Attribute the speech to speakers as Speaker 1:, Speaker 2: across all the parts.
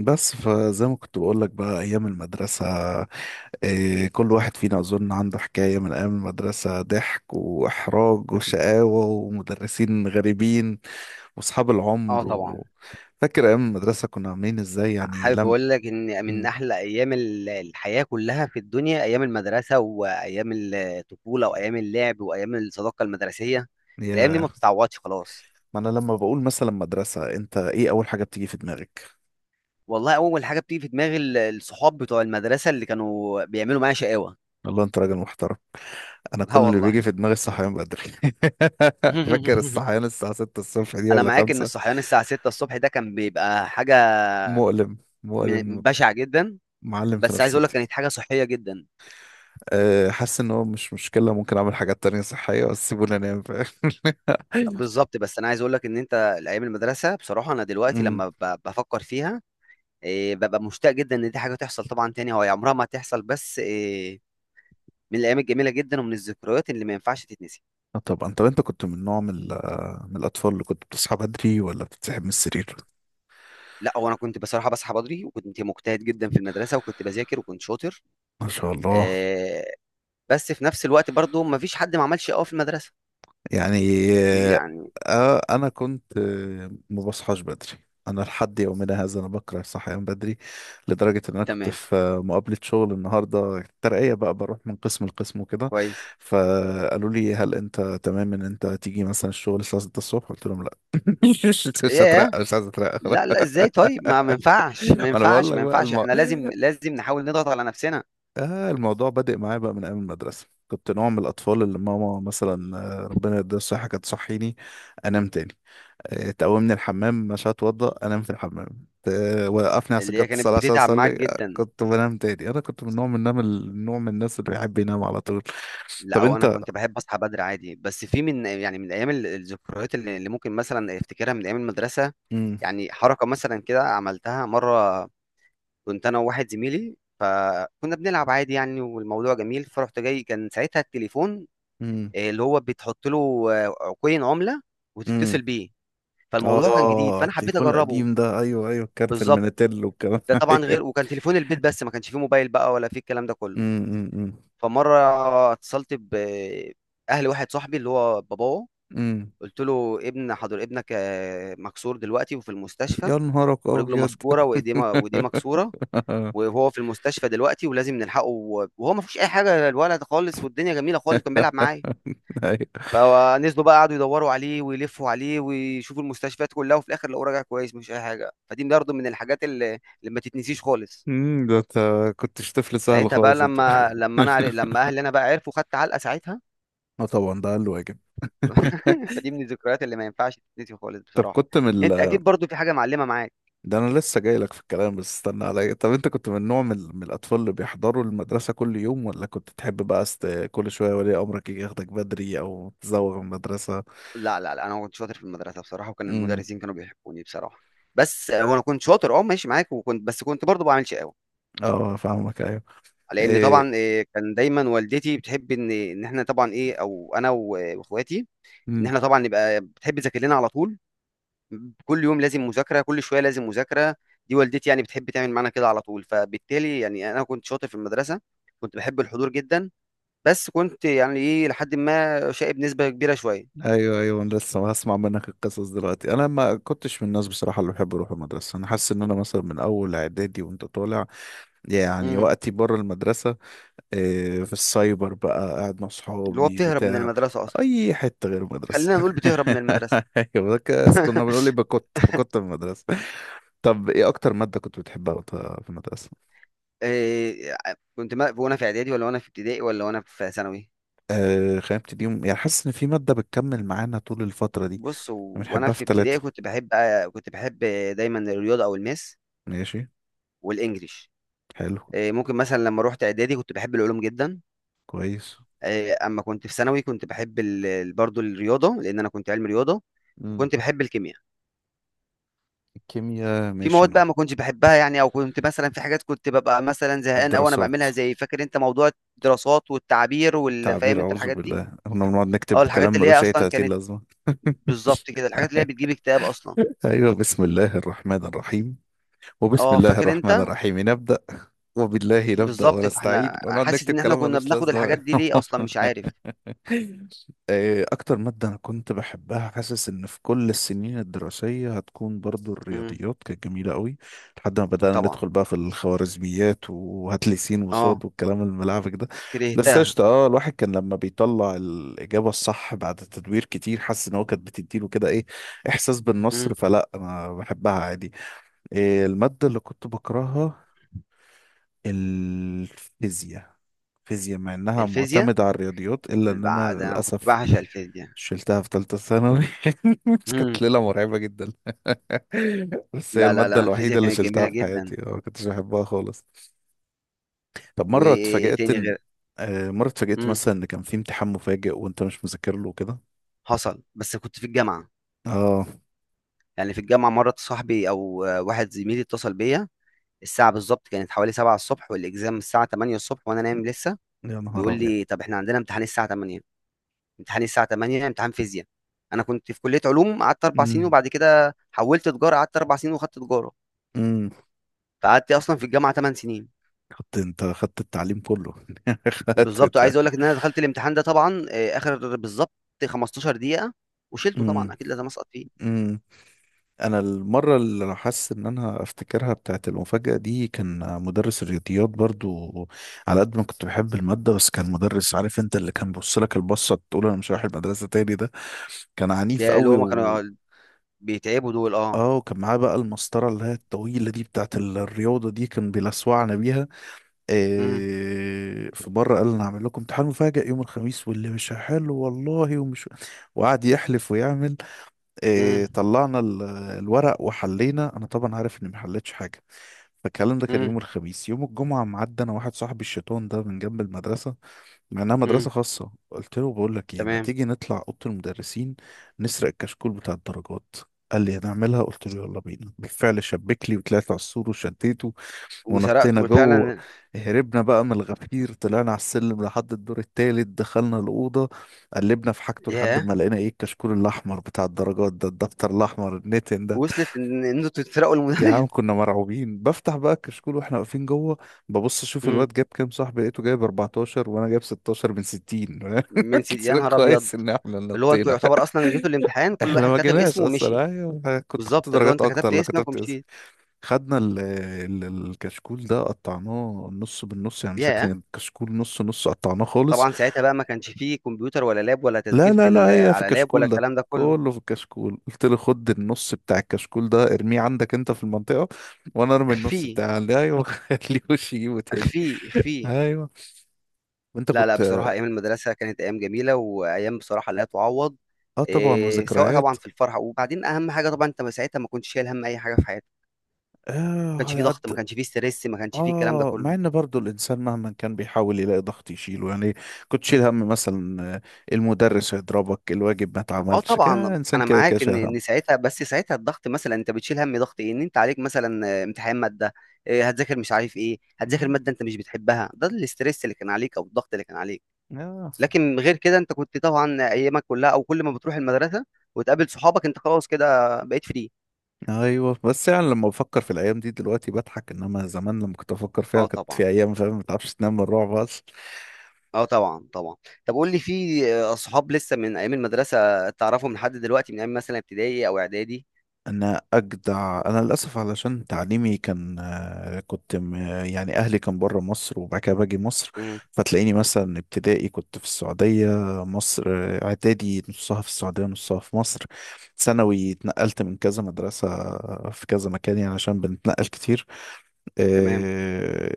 Speaker 1: بس فزي ما كنت بقول لك بقى ايام المدرسه. إيه، كل واحد فينا اظن عنده حكايه من ايام المدرسه، ضحك واحراج وشقاوه ومدرسين غريبين واصحاب
Speaker 2: اه
Speaker 1: العمر
Speaker 2: طبعا.
Speaker 1: و... فاكر ايام المدرسه كنا عاملين ازاي يعني
Speaker 2: حابب
Speaker 1: لم
Speaker 2: اقول لك ان من
Speaker 1: م-
Speaker 2: احلى ايام الحياه كلها في الدنيا، ايام المدرسه وايام الطفوله وايام اللعب وايام الصداقه المدرسيه. الايام دي
Speaker 1: يا
Speaker 2: ما بتتعوضش خلاص.
Speaker 1: ما انا لما بقول مثلا مدرسه، انت ايه اول حاجه بتيجي في دماغك؟
Speaker 2: والله اول حاجه بتيجي في دماغي الصحاب بتوع المدرسه اللي كانوا بيعملوا معايا شقاوه.
Speaker 1: والله انت راجل محترم. انا
Speaker 2: اه
Speaker 1: كل اللي
Speaker 2: والله.
Speaker 1: بيجي في دماغي الصحيان بدري. فاكر الصحيان الساعه 6 الصبح دي
Speaker 2: انا
Speaker 1: ولا
Speaker 2: معاك ان
Speaker 1: 5؟
Speaker 2: الصحيان الساعه 6 الصبح ده كان بيبقى حاجه
Speaker 1: مؤلم مؤلم،
Speaker 2: بشعه جدا.
Speaker 1: معلم في
Speaker 2: بس عايز اقول لك
Speaker 1: نفسيتي.
Speaker 2: كانت حاجه صحيه جدا.
Speaker 1: أه، حاسس ان هو مش مشكلة، ممكن اعمل حاجات تانية صحية بس سيبوني انام، فاهم؟
Speaker 2: بالظبط. بس انا عايز اقول لك ان انت الايام المدرسه، بصراحه انا دلوقتي
Speaker 1: أمم.
Speaker 2: لما بفكر فيها، إيه، ببقى مشتاق جدا ان دي حاجه تحصل طبعا تاني. هو عمرها ما هتحصل، بس إيه، من الايام الجميله جدا ومن الذكريات اللي ما ينفعش تتنسي.
Speaker 1: آه طبعا. طب انت كنت من من الاطفال اللي كنت بتصحى بدري ولا بتتسحب من السرير؟
Speaker 2: لا، هو انا كنت بصراحه بصحى بدري وكنت مجتهد جدا في المدرسه وكنت بذاكر وكنت شاطر.
Speaker 1: ما شاء الله.
Speaker 2: آه، بس في نفس الوقت برضو ما فيش حد ما عملش قوي في المدرسه،
Speaker 1: يعني آه.
Speaker 2: يعني.
Speaker 1: انا كنت ما بصحاش بدري. انا لحد يومنا هذا انا بكره الصحيان بدري. لدرجة ان انا كنت
Speaker 2: تمام.
Speaker 1: في مقابلة شغل النهاردة، الترقية بقى، بروح من قسم لقسم وكده.
Speaker 2: كويس.
Speaker 1: فقالوا لي هل انت تمام ان انت تيجي مثلا الشغل الساعة 6 الصبح؟ قلت لهم لا. مش مش
Speaker 2: ياه.
Speaker 1: هترقى، مش عايز اترقى خلاص.
Speaker 2: لا لا، ازاي؟ طيب ما ينفعش، ما
Speaker 1: ما انا بقول
Speaker 2: ينفعش،
Speaker 1: لك
Speaker 2: ما
Speaker 1: بقى
Speaker 2: ينفعش، احنا لازم، لازم نحاول نضغط على نفسنا.
Speaker 1: الموضوع بادئ معايا بقى من ايام المدرسه. كنت نوع من الاطفال اللي ماما مثلا، ربنا يديها الصحه، كانت تصحيني، انام تاني. تقومني الحمام، مش هتوضى، انام في الحمام. وقفني على
Speaker 2: اللي هي
Speaker 1: سجاده الصلاه
Speaker 2: كانت
Speaker 1: عشان
Speaker 2: بتتعب
Speaker 1: اصلي،
Speaker 2: معاك جدا.
Speaker 1: كنت بنام تاني. انا كنت من نوع من النوم النوع من الناس اللي بيحب ينام على طول.
Speaker 2: لا،
Speaker 1: طب
Speaker 2: او انا
Speaker 1: انت.
Speaker 2: كنت بحب اصحى بدري عادي. بس في من يعني من ايام الذكريات اللي ممكن مثلا افتكرها من ايام المدرسه.
Speaker 1: امم،
Speaker 2: يعني حركه مثلا كده عملتها مره، كنت انا وواحد زميلي، فكنا بنلعب عادي يعني والموضوع جميل. فرحت جاي، كان ساعتها التليفون
Speaker 1: امم،
Speaker 2: اللي هو بتحط له كوين عمله
Speaker 1: امم.
Speaker 2: وتتصل بيه. فالموضوع كان جديد
Speaker 1: اه
Speaker 2: فانا حبيت
Speaker 1: التليفون
Speaker 2: اجربه.
Speaker 1: القديم ده، ايوه ايوه، كارت
Speaker 2: بالظبط.
Speaker 1: المينيتيل والكلام.
Speaker 2: ده طبعا
Speaker 1: ايوه.
Speaker 2: غير، وكان تليفون البيت بس، ما كانش فيه موبايل بقى ولا فيه الكلام ده كله.
Speaker 1: امم، امم.
Speaker 2: فمره اتصلت باهل واحد صاحبي اللي هو باباه،
Speaker 1: أمم.
Speaker 2: قلت له ابن حضر ابنك مكسور دلوقتي وفي المستشفى،
Speaker 1: يا نهارك
Speaker 2: ورجله
Speaker 1: ابيض.
Speaker 2: مسكوره وايديه وايديه مكسوره، وهو في المستشفى دلوقتي ولازم نلحقه، وهو ما فيهوش اي حاجه الولد خالص، والدنيا جميله خالص كان بيلعب معايا.
Speaker 1: أيوة.
Speaker 2: فنزلوا بقى قعدوا يدوروا عليه ويلفوا عليه ويشوفوا المستشفيات كلها، وفي الاخر لقوه راجع كويس مفيش اي حاجه. فدي برضه من الحاجات اللي، اللي ما تتنسيش خالص.
Speaker 1: أمم، ده انت كنتش طفل سهل
Speaker 2: ساعتها بقى
Speaker 1: خالص انت.
Speaker 2: لما لما اهلي انا بقى عرفوا، خدت علقه ساعتها.
Speaker 1: اه طبعا ده اقل واجب.
Speaker 2: فدي من الذكريات اللي ما ينفعش تتنسي خالص
Speaker 1: طب
Speaker 2: بصراحه.
Speaker 1: كنت من
Speaker 2: انت اكيد برضو في حاجه معلمه معاك.
Speaker 1: ده انا لسه جاي لك في الكلام، بس استنى عليا. طب انت كنت من من الاطفال اللي بيحضروا المدرسه كل يوم، ولا كنت تحب بقى كل شويه ولي امرك يجي ياخدك بدري او تزوغ من المدرسه؟
Speaker 2: لا لا لا، انا كنت شاطر في المدرسه بصراحه، وكان
Speaker 1: امم.
Speaker 2: المدرسين كانوا بيحبوني بصراحه. بس وانا كنت شاطر، اه ماشي معاك، وكنت بس كنت برضو بعمل شقاوه.
Speaker 1: اه فاهمك، ايوه.
Speaker 2: لان
Speaker 1: ايه،
Speaker 2: طبعا كان دايما والدتي بتحب ان احنا طبعا ايه، او انا واخواتي، ان احنا طبعا نبقى، بتحب تذاكر لنا على طول، كل يوم لازم مذاكره، كل شويه لازم مذاكره. دي والدتي يعني بتحب تعمل معانا كده على طول. فبالتالي يعني انا كنت شاطر في المدرسه، كنت بحب الحضور جدا. بس كنت يعني ايه لحد ما شقي بنسبه كبيره شويه.
Speaker 1: ايوه ايوه. انا لسه هسمع منك القصص دلوقتي. انا ما كنتش من الناس بصراحه اللي بحب اروح المدرسه. انا حاسس ان انا مثلا من اول اعدادي وانت طالع، يعني
Speaker 2: امم.
Speaker 1: وقتي بره المدرسه، إيه، في السايبر بقى قاعد مع
Speaker 2: اللي هو
Speaker 1: صحابي
Speaker 2: بتهرب من
Speaker 1: بتاع
Speaker 2: المدرسه اصلا.
Speaker 1: اي حته غير المدرسه.
Speaker 2: خلينا نقول بتهرب من المدرسة.
Speaker 1: ايوه، ده كنا بنقول يبقى كنت في المدرسه. طب ايه اكتر ماده كنت بتحبها وأنت في المدرسه؟
Speaker 2: إيه، كنت ما وانا في اعدادي ولا وانا في ابتدائي ولا وانا في ثانوي؟
Speaker 1: آه، خلينا نبتدي يعني حاسس ان في ماده بتكمل معانا طول الفتره دي،
Speaker 2: بص وانا
Speaker 1: بنحبها في
Speaker 2: في ابتدائي
Speaker 1: ثلاثه.
Speaker 2: كنت بحب دايما الرياضة او الماس
Speaker 1: ماشي.
Speaker 2: والانجليش.
Speaker 1: حلو.
Speaker 2: إيه، ممكن مثلا لما روحت اعدادي كنت بحب العلوم جدا.
Speaker 1: كويس.
Speaker 2: إيه، اما كنت في ثانوي كنت بحب برضو الرياضة، لان انا كنت علمي رياضة. وكنت بحب الكيمياء.
Speaker 1: الكيمياء،
Speaker 2: في
Speaker 1: ماشي.
Speaker 2: مواد
Speaker 1: انا
Speaker 2: بقى ما كنتش بحبها يعني، او كنت مثلا في حاجات كنت ببقى مثلا زهقان او انا
Speaker 1: الدراسات،
Speaker 2: بعملها، زي فاكر انت موضوع الدراسات والتعبير والفاهم
Speaker 1: التعبير،
Speaker 2: انت
Speaker 1: اعوذ
Speaker 2: الحاجات دي.
Speaker 1: بالله، كنا بنقعد
Speaker 2: اه
Speaker 1: نكتب
Speaker 2: الحاجات
Speaker 1: كلام
Speaker 2: اللي هي
Speaker 1: ملوش اي
Speaker 2: اصلا
Speaker 1: 30
Speaker 2: كانت،
Speaker 1: لازمه.
Speaker 2: بالظبط كده، الحاجات اللي هي بتجيب اكتئاب اصلا.
Speaker 1: ايوه، بسم الله الرحمن الرحيم، وبسم
Speaker 2: اه
Speaker 1: الله
Speaker 2: فاكر
Speaker 1: الرحمن
Speaker 2: انت.
Speaker 1: الرحيم نبدا، وبالله نبدا
Speaker 2: بالظبط.
Speaker 1: ونستعين،
Speaker 2: فاحنا
Speaker 1: ونقعد
Speaker 2: حاسس
Speaker 1: نكتب
Speaker 2: ان احنا
Speaker 1: كلام
Speaker 2: كنا
Speaker 1: ملوش
Speaker 2: بناخد الحاجات
Speaker 1: لازمه.
Speaker 2: دي ليه اصلا مش عارف.
Speaker 1: إيه أكتر مادة أنا كنت بحبها، حاسس إن في كل السنين الدراسية هتكون برضو
Speaker 2: امم
Speaker 1: الرياضيات، كانت جميلة قوي لحد ما بدأنا
Speaker 2: طبعا،
Speaker 1: ندخل بقى في الخوارزميات وهات لي س
Speaker 2: اه
Speaker 1: وصاد والكلام الملعبك ده. بس
Speaker 2: كرهتها.
Speaker 1: قشطة، اه الواحد كان لما بيطلع الإجابة الصح بعد تدوير كتير، حاسس إن هو كانت بتديله كده إيه، إحساس بالنصر.
Speaker 2: امم
Speaker 1: فلا، أنا بحبها عادي. إيه المادة اللي كنت بكرهها؟ الفيزياء. فيزياء، مع انها
Speaker 2: الفيزياء،
Speaker 1: معتمدة على الرياضيات، الا ان انا
Speaker 2: ده انا كنت
Speaker 1: للاسف
Speaker 2: بعشق الفيزياء.
Speaker 1: شلتها في ثالثة ثانوي.
Speaker 2: امم
Speaker 1: كانت ليلة مرعبة جدا. بس هي
Speaker 2: لا لا
Speaker 1: المادة
Speaker 2: لا،
Speaker 1: الوحيدة
Speaker 2: الفيزياء
Speaker 1: اللي
Speaker 2: كانت
Speaker 1: شلتها
Speaker 2: جميله
Speaker 1: في
Speaker 2: جدا.
Speaker 1: حياتي. ما كنتش بحبها خالص. طب مرة
Speaker 2: وايه
Speaker 1: اتفاجأت
Speaker 2: تاني
Speaker 1: ان
Speaker 2: غير؟
Speaker 1: مرة اتفاجأت
Speaker 2: امم
Speaker 1: مثلا ان كان في امتحان مفاجئ وانت مش مذاكر له كده.
Speaker 2: حصل بس كنت في الجامعه.
Speaker 1: اه،
Speaker 2: يعني في الجامعه مره صاحبي او واحد زميلي اتصل بيا، الساعه بالظبط كانت حوالي 7 الصبح والاكزام الساعه 8 الصبح وانا نايم لسه،
Speaker 1: يا نهار
Speaker 2: بيقول
Speaker 1: ابيض.
Speaker 2: لي طب احنا عندنا امتحان الساعه 8، امتحاني الساعه 8 امتحان فيزياء. انا كنت في كليه علوم قعدت 4 سنين،
Speaker 1: امم،
Speaker 2: وبعد كده حولت تجاره قعدت 4 سنين وخدت تجاره.
Speaker 1: امم.
Speaker 2: فقعدت اصلا في الجامعه 8 سنين.
Speaker 1: خدت انت، خدت التعليم كله. خدت
Speaker 2: بالظبط.
Speaker 1: التعليم.
Speaker 2: وعايز اقول لك ان انا دخلت الامتحان ده طبعا اخر بالظبط 15 دقيقه، وشلته طبعا اكيد لازم اسقط فيه.
Speaker 1: امم. انا المره اللي انا حاسس ان انا افتكرها بتاعت المفاجاه دي، كان مدرس الرياضيات برضو. على قد ما كنت بحب الماده، بس كان مدرس عارف انت، اللي كان بص لك البصه تقول انا مش رايح المدرسه تاني ده. كان عنيف
Speaker 2: يا اللي
Speaker 1: قوي
Speaker 2: هو ما
Speaker 1: و...
Speaker 2: كانوا بيتعبوا دول، اه.
Speaker 1: اه، وكان معاه بقى المسطره اللي هي الطويله دي بتاعت الرياضه دي، كان بيلسوعنا بيها.
Speaker 2: امم.
Speaker 1: إيه، في مره قال انا هعمل لكم امتحان مفاجئ يوم الخميس، واللي مش حلو والله ومش... وقعد يحلف ويعمل. إيه،
Speaker 2: امم.
Speaker 1: طلعنا الورق وحلينا. انا طبعا عارف اني ما حلتش حاجه. فالكلام ده كان يوم
Speaker 2: امم.
Speaker 1: الخميس. يوم الجمعه معدي انا واحد صاحبي الشيطان ده من جنب المدرسه، مع انها مدرسه
Speaker 2: امم.
Speaker 1: خاصه، قلت له بقول لك ايه، ما
Speaker 2: تمام.
Speaker 1: تيجي نطلع اوضه المدرسين نسرق الكشكول بتاع الدرجات؟ قال لي هنعملها، قلت له يلا بينا. بالفعل شبك لي وطلعت على السور وشديته
Speaker 2: وسرقت،
Speaker 1: ونطينا جوه.
Speaker 2: وفعلا.
Speaker 1: هربنا بقى من الغفير، طلعنا على السلم لحد الدور التالت، دخلنا الأوضة، قلبنا في حاجته لحد
Speaker 2: ياه.
Speaker 1: ما لقينا ايه، الكشكول الأحمر بتاع الدرجات ده، الدفتر الأحمر النتن ده.
Speaker 2: وصلت ان إن انتوا تسرقوا
Speaker 1: يا
Speaker 2: المدرس؟
Speaker 1: عم كنا مرعوبين. بفتح بقى الكشكول واحنا واقفين جوه، ببص اشوف الواد
Speaker 2: امم.
Speaker 1: جاب كام، صاحبي لقيته جايب 14 وانا جايب 16 من 60.
Speaker 2: من سيدي،
Speaker 1: قلت
Speaker 2: يا
Speaker 1: لك
Speaker 2: نهار ابيض!
Speaker 1: كويس ان احنا اللي
Speaker 2: اللي هو انتوا
Speaker 1: نطينا.
Speaker 2: يعتبر اصلا جيتوا الامتحان كل
Speaker 1: احنا
Speaker 2: واحد
Speaker 1: ما
Speaker 2: كتب
Speaker 1: جيناش
Speaker 2: اسمه ومشي.
Speaker 1: اصلا، ايوه كنت خدت
Speaker 2: بالظبط، اللي هو
Speaker 1: درجات
Speaker 2: انت
Speaker 1: اكتر
Speaker 2: كتبت
Speaker 1: لو
Speaker 2: اسمك
Speaker 1: كتبت.
Speaker 2: ومشيت.
Speaker 1: خدنا الكشكول ده قطعناه نص بالنص، يعني مسكنا
Speaker 2: ياه.
Speaker 1: الكشكول نص نص قطعناه خالص.
Speaker 2: وطبعا ساعتها بقى ما كانش فيه كمبيوتر ولا لاب ولا
Speaker 1: لا
Speaker 2: تسجيل في
Speaker 1: لا لا، هي في
Speaker 2: على لاب ولا
Speaker 1: الكشكول ده
Speaker 2: الكلام ده كله.
Speaker 1: كله، في الكشكول قلت له خد النص بتاع الكشكول ده ارميه عندك انت في المنطقة وانا ارمي النص
Speaker 2: اخفيه،
Speaker 1: بتاعي، قال لي ايوه. خليهوش يجيبه تاني.
Speaker 2: اخفيه، اخفيه.
Speaker 1: ايوه. وانت
Speaker 2: لا لا،
Speaker 1: كنت.
Speaker 2: بصراحة أيام المدرسة كانت أيام جميلة وأيام بصراحة لا تعوض.
Speaker 1: اه طبعا،
Speaker 2: إيه، سواء
Speaker 1: وذكريات.
Speaker 2: طبعا في الفرح، وبعدين أهم حاجة طبعا أنت ما ساعتها ما كنتش شايل هم أي حاجة في حياتك، ما
Speaker 1: اه
Speaker 2: كانش
Speaker 1: على
Speaker 2: فيه ضغط، ما
Speaker 1: قد.
Speaker 2: كانش فيه ستريس، ما كانش فيه الكلام ده
Speaker 1: اه، مع
Speaker 2: كله.
Speaker 1: ان برضو الانسان مهما كان بيحاول يلاقي ضغط يشيله، يعني كنت شيل هم مثلا المدرس هيضربك، الواجب ما
Speaker 2: آه
Speaker 1: اتعملش كده،
Speaker 2: طبعًا،
Speaker 1: انسان
Speaker 2: أنا
Speaker 1: كده كده
Speaker 2: معاك
Speaker 1: شايل
Speaker 2: إن
Speaker 1: هم.
Speaker 2: إن ساعتها، بس ساعتها الضغط مثلًا أنت بتشيل هَم، ضغط إيه، إن أنت عليك مثلًا امتحان مادة، هتذاكر مش عارف إيه، هتذاكر
Speaker 1: مم.
Speaker 2: مادة أنت مش بتحبها، ده الstress اللي كان عليك أو الضغط اللي كان عليك.
Speaker 1: آه.
Speaker 2: لكن غير كده أنت كنت طبعًا أيامك كلها، أو كل ما بتروح المدرسة وتقابل صحابك أنت خلاص كده بقيت free.
Speaker 1: ايوه، بس يعني لما بفكر في الايام دي دلوقتي بضحك، انما زمان لما كنت بفكر فيها
Speaker 2: آه
Speaker 1: كانت
Speaker 2: طبعًا،
Speaker 1: في ايام، فاهم، ما تعرفش تنام من الرعب.
Speaker 2: آه طبعًا، طبعًا. طب قُل لي، في صحاب لسه من أيام المدرسة تعرفهم لحد دلوقتي، من أيام مثلًا ابتدائي أو إعدادي؟
Speaker 1: انا اجدع، انا للاسف علشان تعليمي كان يعني اهلي كان بره مصر وبعد كده باجي مصر.
Speaker 2: إمم.
Speaker 1: فتلاقيني مثلا ابتدائي كنت في السعوديه، مصر، اعدادي نصها في السعوديه نصها في مصر، ثانوي اتنقلت من كذا مدرسه في كذا مكان، يعني عشان بنتنقل كتير.
Speaker 2: تمام.
Speaker 1: آه،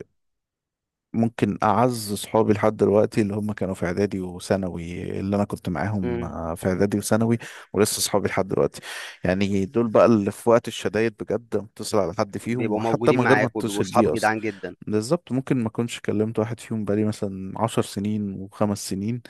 Speaker 1: ممكن أعز صحابي لحد دلوقتي اللي هم كانوا في إعدادي وثانوي، اللي أنا كنت معاهم
Speaker 2: إمم.
Speaker 1: في إعدادي وثانوي، ولسه صحابي لحد دلوقتي. يعني دول بقى اللي في وقت الشدايد بجد، متصل على حد فيهم
Speaker 2: بيبقوا
Speaker 1: وحتى من
Speaker 2: موجودين
Speaker 1: غير ما
Speaker 2: معاك وبيبقوا
Speaker 1: اتصل
Speaker 2: صحاب
Speaker 1: بيه أصلا.
Speaker 2: جدعان جدًا.
Speaker 1: بالظبط، ممكن ما أكونش كلمت واحد فيهم بقالي مثلا 10 سنين و5 سنين،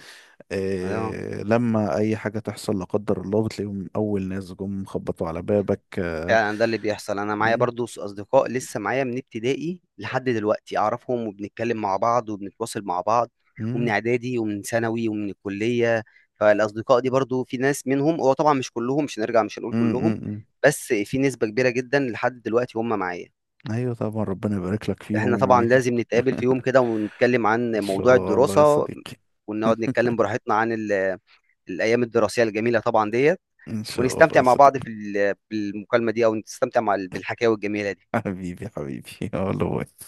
Speaker 2: آه.
Speaker 1: إيه لما أي حاجة تحصل لا قدر الله بتلاقيهم أول ناس جم خبطوا على بابك. آه،
Speaker 2: فعلا ده اللي بيحصل، انا معايا
Speaker 1: م-
Speaker 2: برضو اصدقاء لسه معايا من ابتدائي لحد دلوقتي، اعرفهم وبنتكلم مع بعض وبنتواصل مع بعض، ومن
Speaker 1: م-
Speaker 2: اعدادي ومن ثانوي ومن الكلية. فالاصدقاء دي برضو في ناس منهم، هو طبعا مش كلهم، مش هنرجع مش هنقول
Speaker 1: م- م-
Speaker 2: كلهم،
Speaker 1: م.
Speaker 2: بس في نسبة كبيرة جدا لحد دلوقتي هم معايا.
Speaker 1: أيوة طبعا، ربنا يبارك لك
Speaker 2: احنا
Speaker 1: فيهم و...
Speaker 2: طبعا لازم نتقابل في يوم كده ونتكلم عن
Speaker 1: ان
Speaker 2: موضوع
Speaker 1: شاء الله يا
Speaker 2: الدراسة،
Speaker 1: صديقي.
Speaker 2: ونقعد نتكلم براحتنا عن الايام الدراسية الجميلة طبعا ديت،
Speaker 1: ان شاء الله
Speaker 2: ونستمتع
Speaker 1: يا
Speaker 2: مع بعض
Speaker 1: صديقي.
Speaker 2: في بالمكالمة دي، او نستمتع مع بالحكاوي الجميلة دي.
Speaker 1: حبيبي حبيبي. يلا باي.